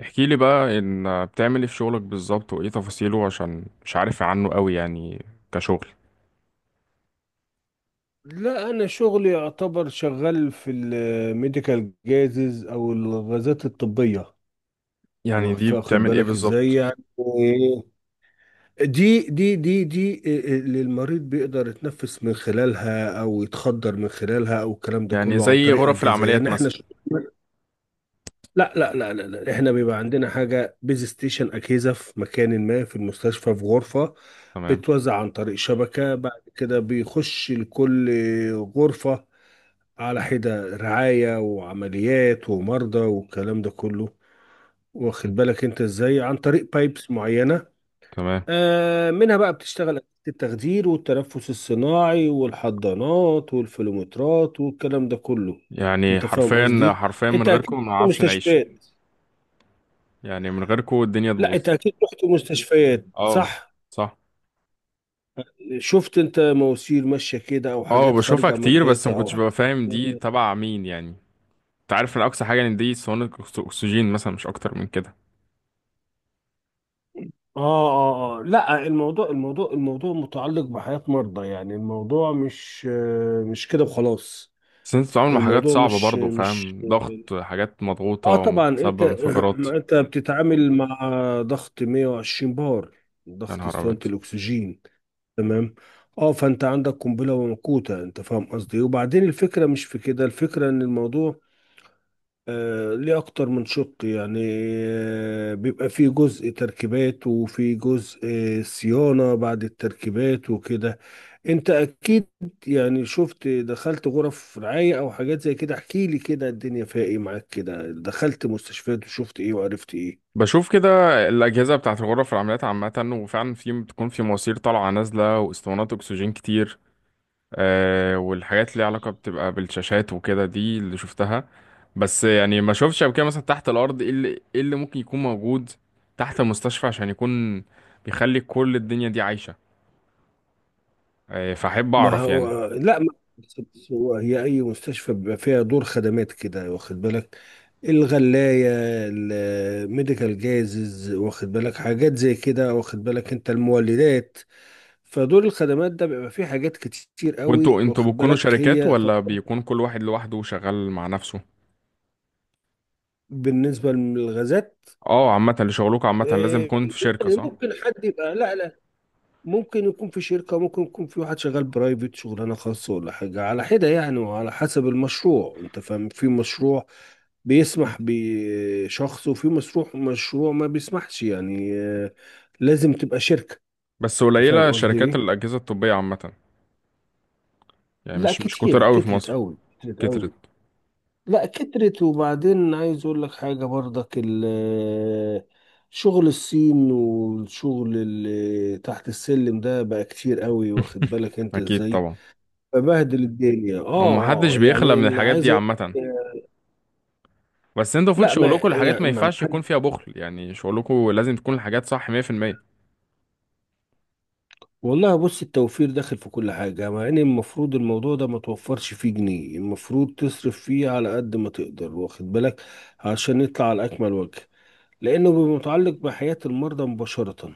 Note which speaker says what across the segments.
Speaker 1: احكي لي بقى ان بتعمل ايه في شغلك بالظبط وايه تفاصيله عشان مش عارف عنه قوي يعني، كشغل.
Speaker 2: لا، انا شغلي يعتبر شغال في الميديكال جازز او الغازات الطبيه.
Speaker 1: يعني دي
Speaker 2: واخد
Speaker 1: بتعمل ايه
Speaker 2: بالك ازاي؟
Speaker 1: بالظبط؟
Speaker 2: يعني دي اللي المريض بيقدر يتنفس من خلالها او يتخدر من خلالها او الكلام ده
Speaker 1: يعني
Speaker 2: كله عن
Speaker 1: زي
Speaker 2: طريق
Speaker 1: غرف
Speaker 2: اجهزه.
Speaker 1: العمليات
Speaker 2: يعني احنا
Speaker 1: مثلا؟
Speaker 2: ش... لا، احنا بيبقى عندنا حاجه بيز ستيشن، اجهزه في مكان ما في المستشفى في غرفه،
Speaker 1: تمام.
Speaker 2: بتوزع عن طريق شبكه، بعد كده بيخش لكل غرفه على حدة، رعاية وعمليات ومرضى والكلام ده كله.
Speaker 1: م.
Speaker 2: واخد بالك انت ازاي؟ عن طريق بايبس معينة.
Speaker 1: تمام.
Speaker 2: منها بقى بتشتغل أجهزة التخدير والتنفس الصناعي والحضانات والفلومترات والكلام ده كله.
Speaker 1: يعني
Speaker 2: انت فاهم
Speaker 1: حرفيا
Speaker 2: قصدي؟
Speaker 1: حرفيا من
Speaker 2: انت اكيد
Speaker 1: غيركم ما
Speaker 2: رحت
Speaker 1: اعرفش نعيش.
Speaker 2: مستشفيات.
Speaker 1: يعني من غيركم الدنيا
Speaker 2: لا،
Speaker 1: تبوظ.
Speaker 2: انت اكيد رحت مستشفيات،
Speaker 1: اه،
Speaker 2: صح؟
Speaker 1: صح.
Speaker 2: شفت انت مواسير ماشية كده او
Speaker 1: اه،
Speaker 2: حاجات
Speaker 1: بشوفها
Speaker 2: خارجة من
Speaker 1: كتير بس ما
Speaker 2: الحيطة او
Speaker 1: كنتش
Speaker 2: حاجات؟
Speaker 1: ببقى فاهم دي تبع مين يعني. انت عارف ان اقصى حاجه ان دي صواني اكسجين مثلا، مش اكتر من كده.
Speaker 2: اه اه اه، لا، الموضوع الموضوع متعلق بحياة مرضى. يعني الموضوع مش مش كده وخلاص.
Speaker 1: بس انت بتتعامل مع حاجات
Speaker 2: الموضوع
Speaker 1: صعبه
Speaker 2: مش
Speaker 1: برضو،
Speaker 2: مش
Speaker 1: فاهم؟ ضغط، حاجات مضغوطه
Speaker 2: اه طبعا
Speaker 1: ومسبب
Speaker 2: انت.
Speaker 1: انفجارات.
Speaker 2: ما انت بتتعامل مع ضغط 120 بار،
Speaker 1: يا
Speaker 2: ضغط
Speaker 1: نهار
Speaker 2: اسطوانة
Speaker 1: أبيض.
Speaker 2: الاكسجين. تمام. اه، فانت عندك قنبلة وموقوتة. انت فاهم قصدي إيه؟ وبعدين الفكرة مش في كده، الفكرة ان الموضوع ليه أكتر من شق يعني. بيبقى فيه جزء تركيبات، وفي جزء صيانة بعد التركيبات وكده. أنت أكيد يعني شفت، دخلت غرف رعاية أو حاجات زي كده؟ احكي لي كده، الدنيا فيها إيه معاك كده؟ دخلت مستشفيات وشفت إيه وعرفت إيه؟
Speaker 1: بشوف كده. الأجهزة بتاعة الغرف العمليات عامة، وفعلا في بتكون في مواسير طالعة نازلة واسطوانات أكسجين كتير. آه، والحاجات اللي علاقة بتبقى بالشاشات وكده، دي اللي شفتها. بس يعني ما شوفتش قبل كده مثلا تحت الأرض، إيه اللي ممكن يكون موجود تحت المستشفى عشان يكون بيخلي كل الدنيا دي عايشة. آه، فأحب
Speaker 2: ما
Speaker 1: أعرف يعني.
Speaker 2: هو لا، ما بس هو هي اي مستشفى بيبقى فيها دور خدمات كده، واخد بالك؟ الغلاية، الميديكال جازز، واخد بالك حاجات زي كده، واخد بالك انت؟ المولدات. فدور الخدمات ده بيبقى فيه حاجات كتير
Speaker 1: وانتوا
Speaker 2: قوي،
Speaker 1: انتوا
Speaker 2: واخد
Speaker 1: بتكونوا
Speaker 2: بالك؟
Speaker 1: شركات
Speaker 2: هي
Speaker 1: ولا
Speaker 2: تعتبر
Speaker 1: بيكون كل واحد لوحده شغال مع نفسه؟
Speaker 2: بالنسبة للغازات
Speaker 1: اه، عامة اللي شغلكوا عامة لازم
Speaker 2: إيه،
Speaker 1: تكون في شركة،
Speaker 2: يعني
Speaker 1: صح؟
Speaker 2: ممكن حد يبقى لا، ممكن يكون في شركة، ممكن يكون في واحد شغال برايفت، شغلانة خاصة ولا حاجة على حدة يعني، وعلى حسب المشروع. انت فاهم؟ في مشروع بيسمح بشخص، وفي مشروع ما بيسمحش، يعني لازم تبقى شركة.
Speaker 1: بس
Speaker 2: انت فاهم
Speaker 1: قليلة
Speaker 2: قصدي
Speaker 1: شركات
Speaker 2: ايه؟
Speaker 1: الأجهزة الطبية عامة. يعني
Speaker 2: لا
Speaker 1: مش كتير
Speaker 2: كتيرة،
Speaker 1: قوي في
Speaker 2: كترت
Speaker 1: مصر.
Speaker 2: قوي كترت
Speaker 1: كترت.
Speaker 2: قوي لا كترت. وبعدين عايز اقول لك حاجة برضك، شغل الصين والشغل اللي تحت السلم ده بقى كتير قوي، واخد بالك انت
Speaker 1: أكيد
Speaker 2: ازاي؟
Speaker 1: طبعا.
Speaker 2: ببهدل الدنيا. اه.
Speaker 1: هو محدش بيخلى
Speaker 2: يعني
Speaker 1: من
Speaker 2: اللي
Speaker 1: الحاجات
Speaker 2: عايز
Speaker 1: دي
Speaker 2: أقول لك،
Speaker 1: عامة. بس انتوا المفروض
Speaker 2: لا ما
Speaker 1: شغلكوا الحاجات
Speaker 2: يعني
Speaker 1: ما
Speaker 2: ما
Speaker 1: ينفعش يكون
Speaker 2: حد،
Speaker 1: فيها بخل، يعني شغلكوا لازم تكون الحاجات صح 100%.
Speaker 2: والله بص، التوفير داخل في كل حاجة، مع ان المفروض الموضوع ده ما توفرش فيه جنيه، المفروض تصرف فيه على قد ما تقدر، واخد بالك؟ عشان نطلع على اكمل وجه، لانه بيبقى متعلق بحياة المرضى مباشرة.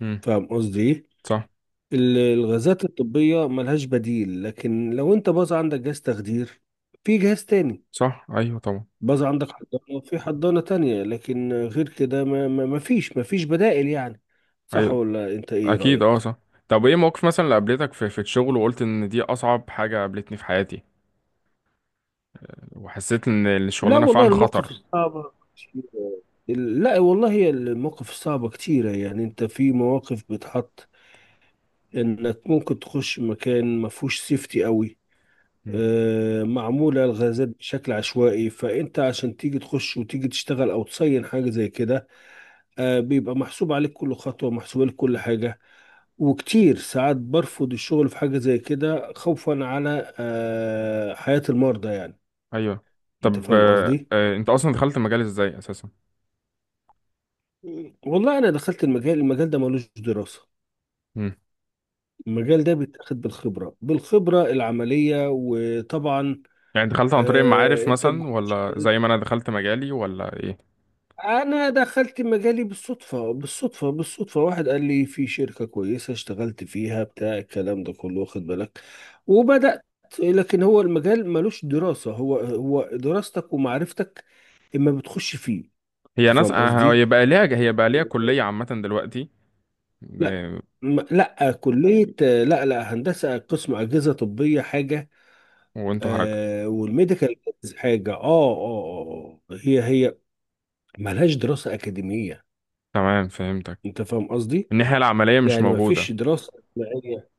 Speaker 1: امم.
Speaker 2: فاهم قصدي ايه؟
Speaker 1: صح.
Speaker 2: الغازات الطبية ملهاش بديل، لكن لو انت باظ عندك جهاز تخدير في جهاز تاني،
Speaker 1: صح، أيوه طبعا.
Speaker 2: باظ عندك حضانة وفي حضانة تانية، لكن غير كده ما فيش بدائل يعني. صح
Speaker 1: أيوه.
Speaker 2: ولا انت ايه
Speaker 1: أكيد، أه
Speaker 2: رأيك؟
Speaker 1: صح. طب ايه موقف مثلا اللي قابلتك في الشغل وقلت ان دي أصعب حاجة قابلتني في حياتي وحسيت ان
Speaker 2: لا
Speaker 1: الشغلانة
Speaker 2: والله
Speaker 1: فعلا
Speaker 2: المواقف
Speaker 1: خطر؟
Speaker 2: الصعبة كتير. لا والله هي المواقف الصعبة كتيرة. يعني انت في مواقف بتحط انك ممكن تخش مكان ما فيهوش سيفتي قوي.
Speaker 1: مم.
Speaker 2: معمولة الغازات بشكل عشوائي، فانت عشان تيجي تخش وتيجي تشتغل او تصين حاجة زي كده بيبقى محسوب عليك كل خطوة، محسوب عليك كل حاجة. وكتير ساعات برفض الشغل في حاجة زي كده، خوفا على حياة المرضى يعني.
Speaker 1: أيوه.
Speaker 2: انت
Speaker 1: طب
Speaker 2: فاهم قصدي؟
Speaker 1: انت أصلا دخلت المجال ازاي أساسا؟
Speaker 2: والله انا دخلت المجال، ده ملوش دراسة. المجال ده بيتاخد بالخبرة، بالخبرة العملية، وطبعا
Speaker 1: يعني دخلت عن طريق المعارف
Speaker 2: انت
Speaker 1: مثلا
Speaker 2: بتخش.
Speaker 1: ولا زي ما انا دخلت مجالي، ولا ايه؟
Speaker 2: انا دخلت مجالي بالصدفه، بالصدفه. واحد قال لي في شركه كويسه، اشتغلت فيها، بتاع الكلام ده كله واخد بالك، وبدات. لكن هو المجال ملوش دراسه. هو دراستك ومعرفتك اما بتخش فيه.
Speaker 1: هي
Speaker 2: انت
Speaker 1: ناس،
Speaker 2: فاهم قصدي؟
Speaker 1: هي بقى ليها كلية عامة دلوقتي.
Speaker 2: لا.
Speaker 1: آه،
Speaker 2: لا كليه، لا هندسه، قسم اجهزه طبيه حاجه.
Speaker 1: وانتوا حاجة؟
Speaker 2: والميديكال حاجه. اه. هي ملهاش دراسه اكاديميه.
Speaker 1: تمام، فهمتك.
Speaker 2: انت فاهم قصدي؟
Speaker 1: الناحية العملية مش
Speaker 2: يعني ما
Speaker 1: موجودة.
Speaker 2: فيش دراسة جماعية،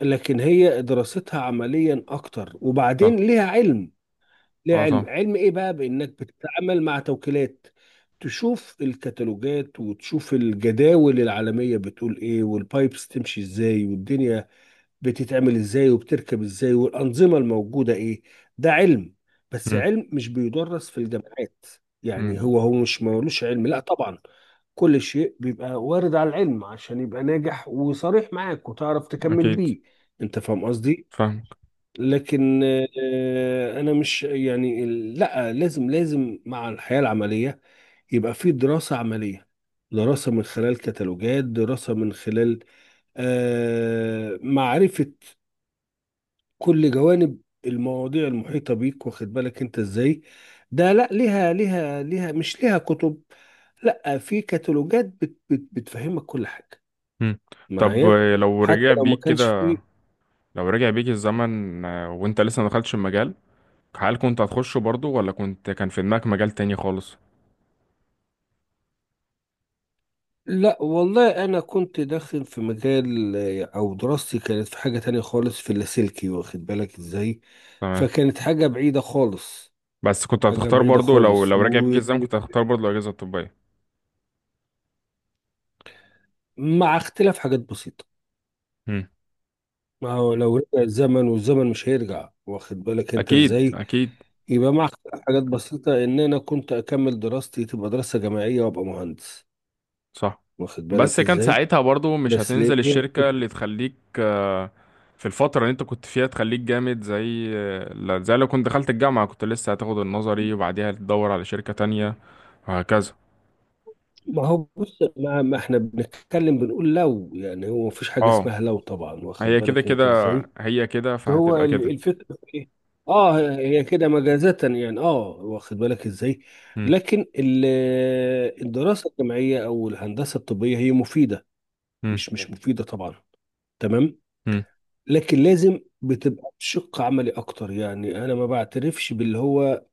Speaker 2: لكن هي دراستها عمليا أكتر.
Speaker 1: صح.
Speaker 2: وبعدين ليها علم. ليها
Speaker 1: اه
Speaker 2: علم.
Speaker 1: صح.
Speaker 2: علم إيه بقى؟ بإنك بتتعامل مع توكيلات، تشوف الكتالوجات وتشوف الجداول العالمية بتقول إيه، والبايبس تمشي إزاي، والدنيا بتتعمل إزاي، وبتركب إزاي، والأنظمة الموجودة إيه. ده علم، بس
Speaker 1: مم.
Speaker 2: علم مش بيدرس في الجامعات. يعني
Speaker 1: مم.
Speaker 2: هو مش ملوش علم، لا طبعا. كل شيء بيبقى وارد على العلم عشان يبقى ناجح وصريح معاك، وتعرف تكمل
Speaker 1: اكيد.
Speaker 2: بيه. انت فاهم قصدي؟
Speaker 1: فاهمك.
Speaker 2: لكن انا مش يعني، لا لازم مع الحياة العملية يبقى في دراسة عملية. دراسة من خلال كتالوجات، دراسة من خلال معرفة كل جوانب المواضيع المحيطة بيك، واخد بالك انت ازاي؟ ده لا، ليها مش ليها كتب، لا في كتالوجات بت بت بتفهمك كل حاجة
Speaker 1: مم. طب
Speaker 2: معايا،
Speaker 1: لو رجع
Speaker 2: حتى لو ما
Speaker 1: بيك
Speaker 2: كانش
Speaker 1: كده،
Speaker 2: في.
Speaker 1: لو رجع بيك الزمن وانت لسه ما دخلتش المجال، هل كنت هتخشه برضو ولا كنت كان في دماغك مجال تاني خالص؟
Speaker 2: لا والله انا كنت داخل في مجال او دراستي كانت في حاجة تانية خالص، في اللاسلكي، واخد بالك ازاي؟
Speaker 1: تمام.
Speaker 2: فكانت حاجة بعيدة خالص.
Speaker 1: بس كنت
Speaker 2: حاجة
Speaker 1: هتختار
Speaker 2: بعيدة
Speaker 1: برضو لو
Speaker 2: خالص،
Speaker 1: لو رجع بيك
Speaker 2: ومع
Speaker 1: الزمن كنت هتختار برضو الأجهزة الطبية؟
Speaker 2: اختلاف حاجات بسيطة. ما هو لو رجع الزمن، والزمن مش هيرجع، واخد بالك انت
Speaker 1: اكيد
Speaker 2: ازاي؟
Speaker 1: اكيد،
Speaker 2: يبقى مع حاجات بسيطة، ان انا كنت اكمل دراستي تبقى دراسة جامعية، وابقى مهندس،
Speaker 1: صح.
Speaker 2: واخد
Speaker 1: بس
Speaker 2: بالك
Speaker 1: كان
Speaker 2: ازاي؟
Speaker 1: ساعتها برضو مش
Speaker 2: بس ليه
Speaker 1: هتنزل
Speaker 2: ليه؟
Speaker 1: الشركة اللي تخليك، في الفترة اللي انت كنت فيها تخليك جامد زي زي لو كنت دخلت الجامعة كنت لسه هتاخد النظري وبعديها تدور على شركة تانية وهكذا.
Speaker 2: ما هو بص، ما, ما احنا بنتكلم، بنقول لو، يعني هو مفيش حاجة
Speaker 1: اه.
Speaker 2: اسمها لو طبعا، واخد
Speaker 1: هي كده
Speaker 2: بالك
Speaker 1: كده.
Speaker 2: انت ازاي؟
Speaker 1: هي كده،
Speaker 2: هو
Speaker 1: فهتبقى كده.
Speaker 2: الفكرة في ايه؟ اه، هي كده مجازة يعني. اه، واخد بالك ازاي؟
Speaker 1: مم.
Speaker 2: لكن الدراسة الجامعية او الهندسة الطبية هي مفيدة،
Speaker 1: مم.
Speaker 2: مش مفيدة طبعا، تمام؟
Speaker 1: مم.
Speaker 2: لكن لازم بتبقى بشق عملي اكتر، يعني انا ما بعترفش باللي هو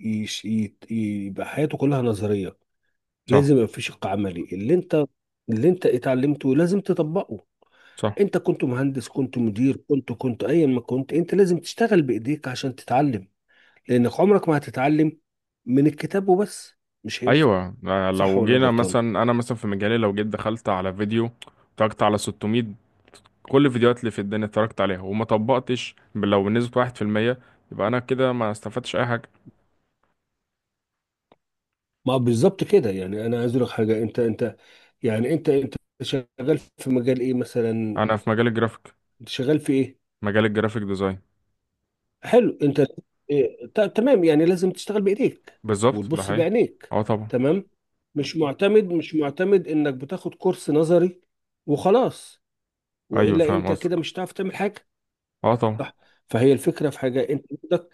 Speaker 2: يبقى حياته كلها نظرية.
Speaker 1: صح.
Speaker 2: لازم يبقى في شق عملي، اللي انت اللي انت اتعلمته لازم تطبقه.
Speaker 1: صح.
Speaker 2: انت كنت مهندس، كنت مدير، كنت ايا ما كنت، انت لازم تشتغل بايديك عشان تتعلم، لانك عمرك ما هتتعلم من الكتاب وبس، مش هينفع.
Speaker 1: ايوه،
Speaker 2: صح
Speaker 1: لو
Speaker 2: ولا أنا
Speaker 1: جينا
Speaker 2: غلطان؟
Speaker 1: مثلا، انا مثلا في مجالي لو جيت دخلت على فيديو، اتفرجت على 600، كل الفيديوهات اللي في الدنيا اتفرجت عليها وما طبقتش لو بنسبة 1%، يبقى أنا كده ما استفدتش أي حاجة.
Speaker 2: ما بالظبط كده. يعني انا عايز اقول لك حاجه، انت يعني انت شغال في مجال ايه مثلا؟
Speaker 1: أنا في مجال الجرافيك.
Speaker 2: انت شغال في ايه؟
Speaker 1: مجال الجرافيك ديزاين.
Speaker 2: حلو. انت إيه؟ تمام، يعني لازم تشتغل بايديك
Speaker 1: بالظبط، ده
Speaker 2: وتبص
Speaker 1: حقيقي.
Speaker 2: بعينيك.
Speaker 1: اه طبعا.
Speaker 2: تمام؟ مش معتمد، مش معتمد انك بتاخد كورس نظري وخلاص،
Speaker 1: أيوة،
Speaker 2: والا
Speaker 1: فاهم
Speaker 2: انت كده
Speaker 1: قصدك.
Speaker 2: مش هتعرف تعمل حاجه.
Speaker 1: اه طبعا.
Speaker 2: صح؟ فهي الفكره في حاجه، انت عندك،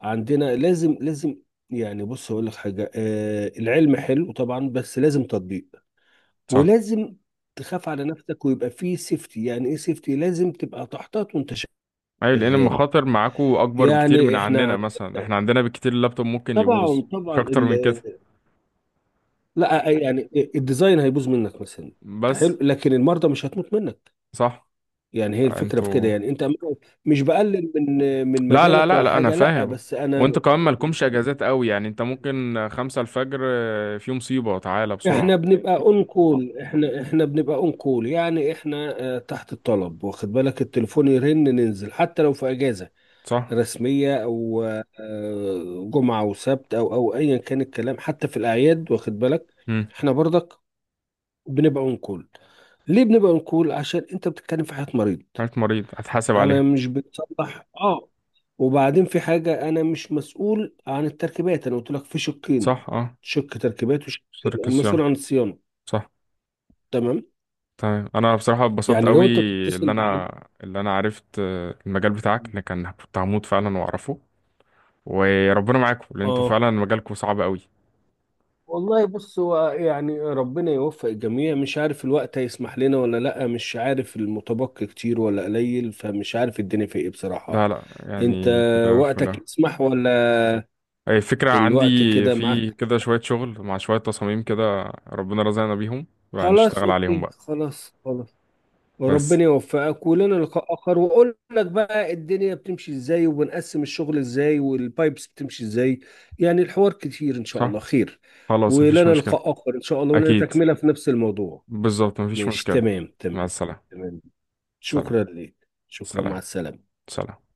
Speaker 2: عندنا، لازم. يعني بص اقول لك حاجه، آه، العلم حلو طبعا بس لازم تطبيق،
Speaker 1: صح.
Speaker 2: ولازم تخاف على نفسك، ويبقى فيه سيفتي. يعني ايه سيفتي؟ لازم تبقى تحتاط وانت
Speaker 1: أيوة، لأن
Speaker 2: شغال.
Speaker 1: المخاطر معاكو أكبر بكتير من
Speaker 2: يعني احنا
Speaker 1: عننا،
Speaker 2: عن-
Speaker 1: مثلا احنا عندنا بكتير اللابتوب ممكن
Speaker 2: طبعا
Speaker 1: يبوظ. مش
Speaker 2: طبعا
Speaker 1: أكتر
Speaker 2: ال...
Speaker 1: من كده.
Speaker 2: لا يعني الديزاين هيبوظ منك مثلا،
Speaker 1: بس.
Speaker 2: حلو، لكن المرضى مش هتموت منك.
Speaker 1: صح.
Speaker 2: يعني هي الفكره في كده
Speaker 1: انتوا.
Speaker 2: يعني. انت مش بقلل من من
Speaker 1: لا لا
Speaker 2: مجالك
Speaker 1: لا
Speaker 2: ولا
Speaker 1: لا، أنا
Speaker 2: حاجه، لا،
Speaker 1: فاهم.
Speaker 2: بس انا.
Speaker 1: وانتوا كمان مالكمش اجازات قوي، يعني انت ممكن 5 الفجر في مصيبة تعالى بسرعة.
Speaker 2: احنا بنبقى اون كول، احنا بنبقى اون كول، يعني احنا تحت الطلب، واخد بالك؟ التليفون يرن، ننزل، حتى لو في اجازه
Speaker 1: صح.
Speaker 2: رسمية أو جمعة وسبت، أو أيا كان الكلام، حتى في الأعياد، واخد بالك؟ إحنا برضك بنبقى ونقول. ليه بنبقى نقول؟ عشان أنت بتتكلم في حياة مريض.
Speaker 1: حالة مريض هتحاسب
Speaker 2: أنا
Speaker 1: عليها.
Speaker 2: مش بتصلح، آه. وبعدين في حاجة، أنا مش مسؤول عن التركيبات، أنا قلت لك في شقين،
Speaker 1: صح اه.
Speaker 2: شق تركيبات وشق
Speaker 1: شركة
Speaker 2: المسؤول
Speaker 1: صيانة.
Speaker 2: عن الصيانة.
Speaker 1: صح.
Speaker 2: تمام؟
Speaker 1: تمام، انا بصراحة اتبسطت
Speaker 2: يعني
Speaker 1: قوي.
Speaker 2: لو أنت
Speaker 1: اللي
Speaker 2: بتتصل
Speaker 1: انا
Speaker 2: بحد.
Speaker 1: اللي انا عرفت المجال بتاعك، ان كان كنت هموت فعلا واعرفه. وربنا معاكم لان انتوا
Speaker 2: آه،
Speaker 1: فعلا مجالكم صعب قوي.
Speaker 2: والله بص، هو يعني ربنا يوفق الجميع. مش عارف الوقت هيسمح لنا ولا لأ، مش عارف المتبقي كتير ولا قليل، فمش عارف الدنيا في ايه بصراحة.
Speaker 1: لا لا،
Speaker 2: انت
Speaker 1: يعني كده
Speaker 2: وقتك
Speaker 1: فلا.
Speaker 2: يسمح ولا
Speaker 1: أي فكرة عندي.
Speaker 2: الوقت كده
Speaker 1: في
Speaker 2: معاك؟
Speaker 1: كده شوية شغل مع شوية تصاميم كده ربنا رزقنا بيهم، بقى
Speaker 2: خلاص
Speaker 1: نشتغل عليهم
Speaker 2: اوكي،
Speaker 1: بقى.
Speaker 2: خلاص.
Speaker 1: بس.
Speaker 2: وربنا يوفقك، ولنا لقاء اخر واقول لك بقى الدنيا بتمشي ازاي، وبنقسم الشغل ازاي، والبايبس بتمشي ازاي، يعني الحوار كتير، ان شاء
Speaker 1: صح.
Speaker 2: الله خير.
Speaker 1: خلاص، مفيش
Speaker 2: ولنا
Speaker 1: مشكلة.
Speaker 2: لقاء اخر ان شاء الله، ولنا
Speaker 1: أكيد.
Speaker 2: تكملة في نفس الموضوع.
Speaker 1: بالظبط، مفيش
Speaker 2: مش
Speaker 1: مشكلة.
Speaker 2: تمام؟
Speaker 1: مع
Speaker 2: تمام
Speaker 1: السلامة.
Speaker 2: تمام.
Speaker 1: سلام.
Speaker 2: شكرا لك، شكرا، مع
Speaker 1: سلام.
Speaker 2: السلامة.
Speaker 1: سلام.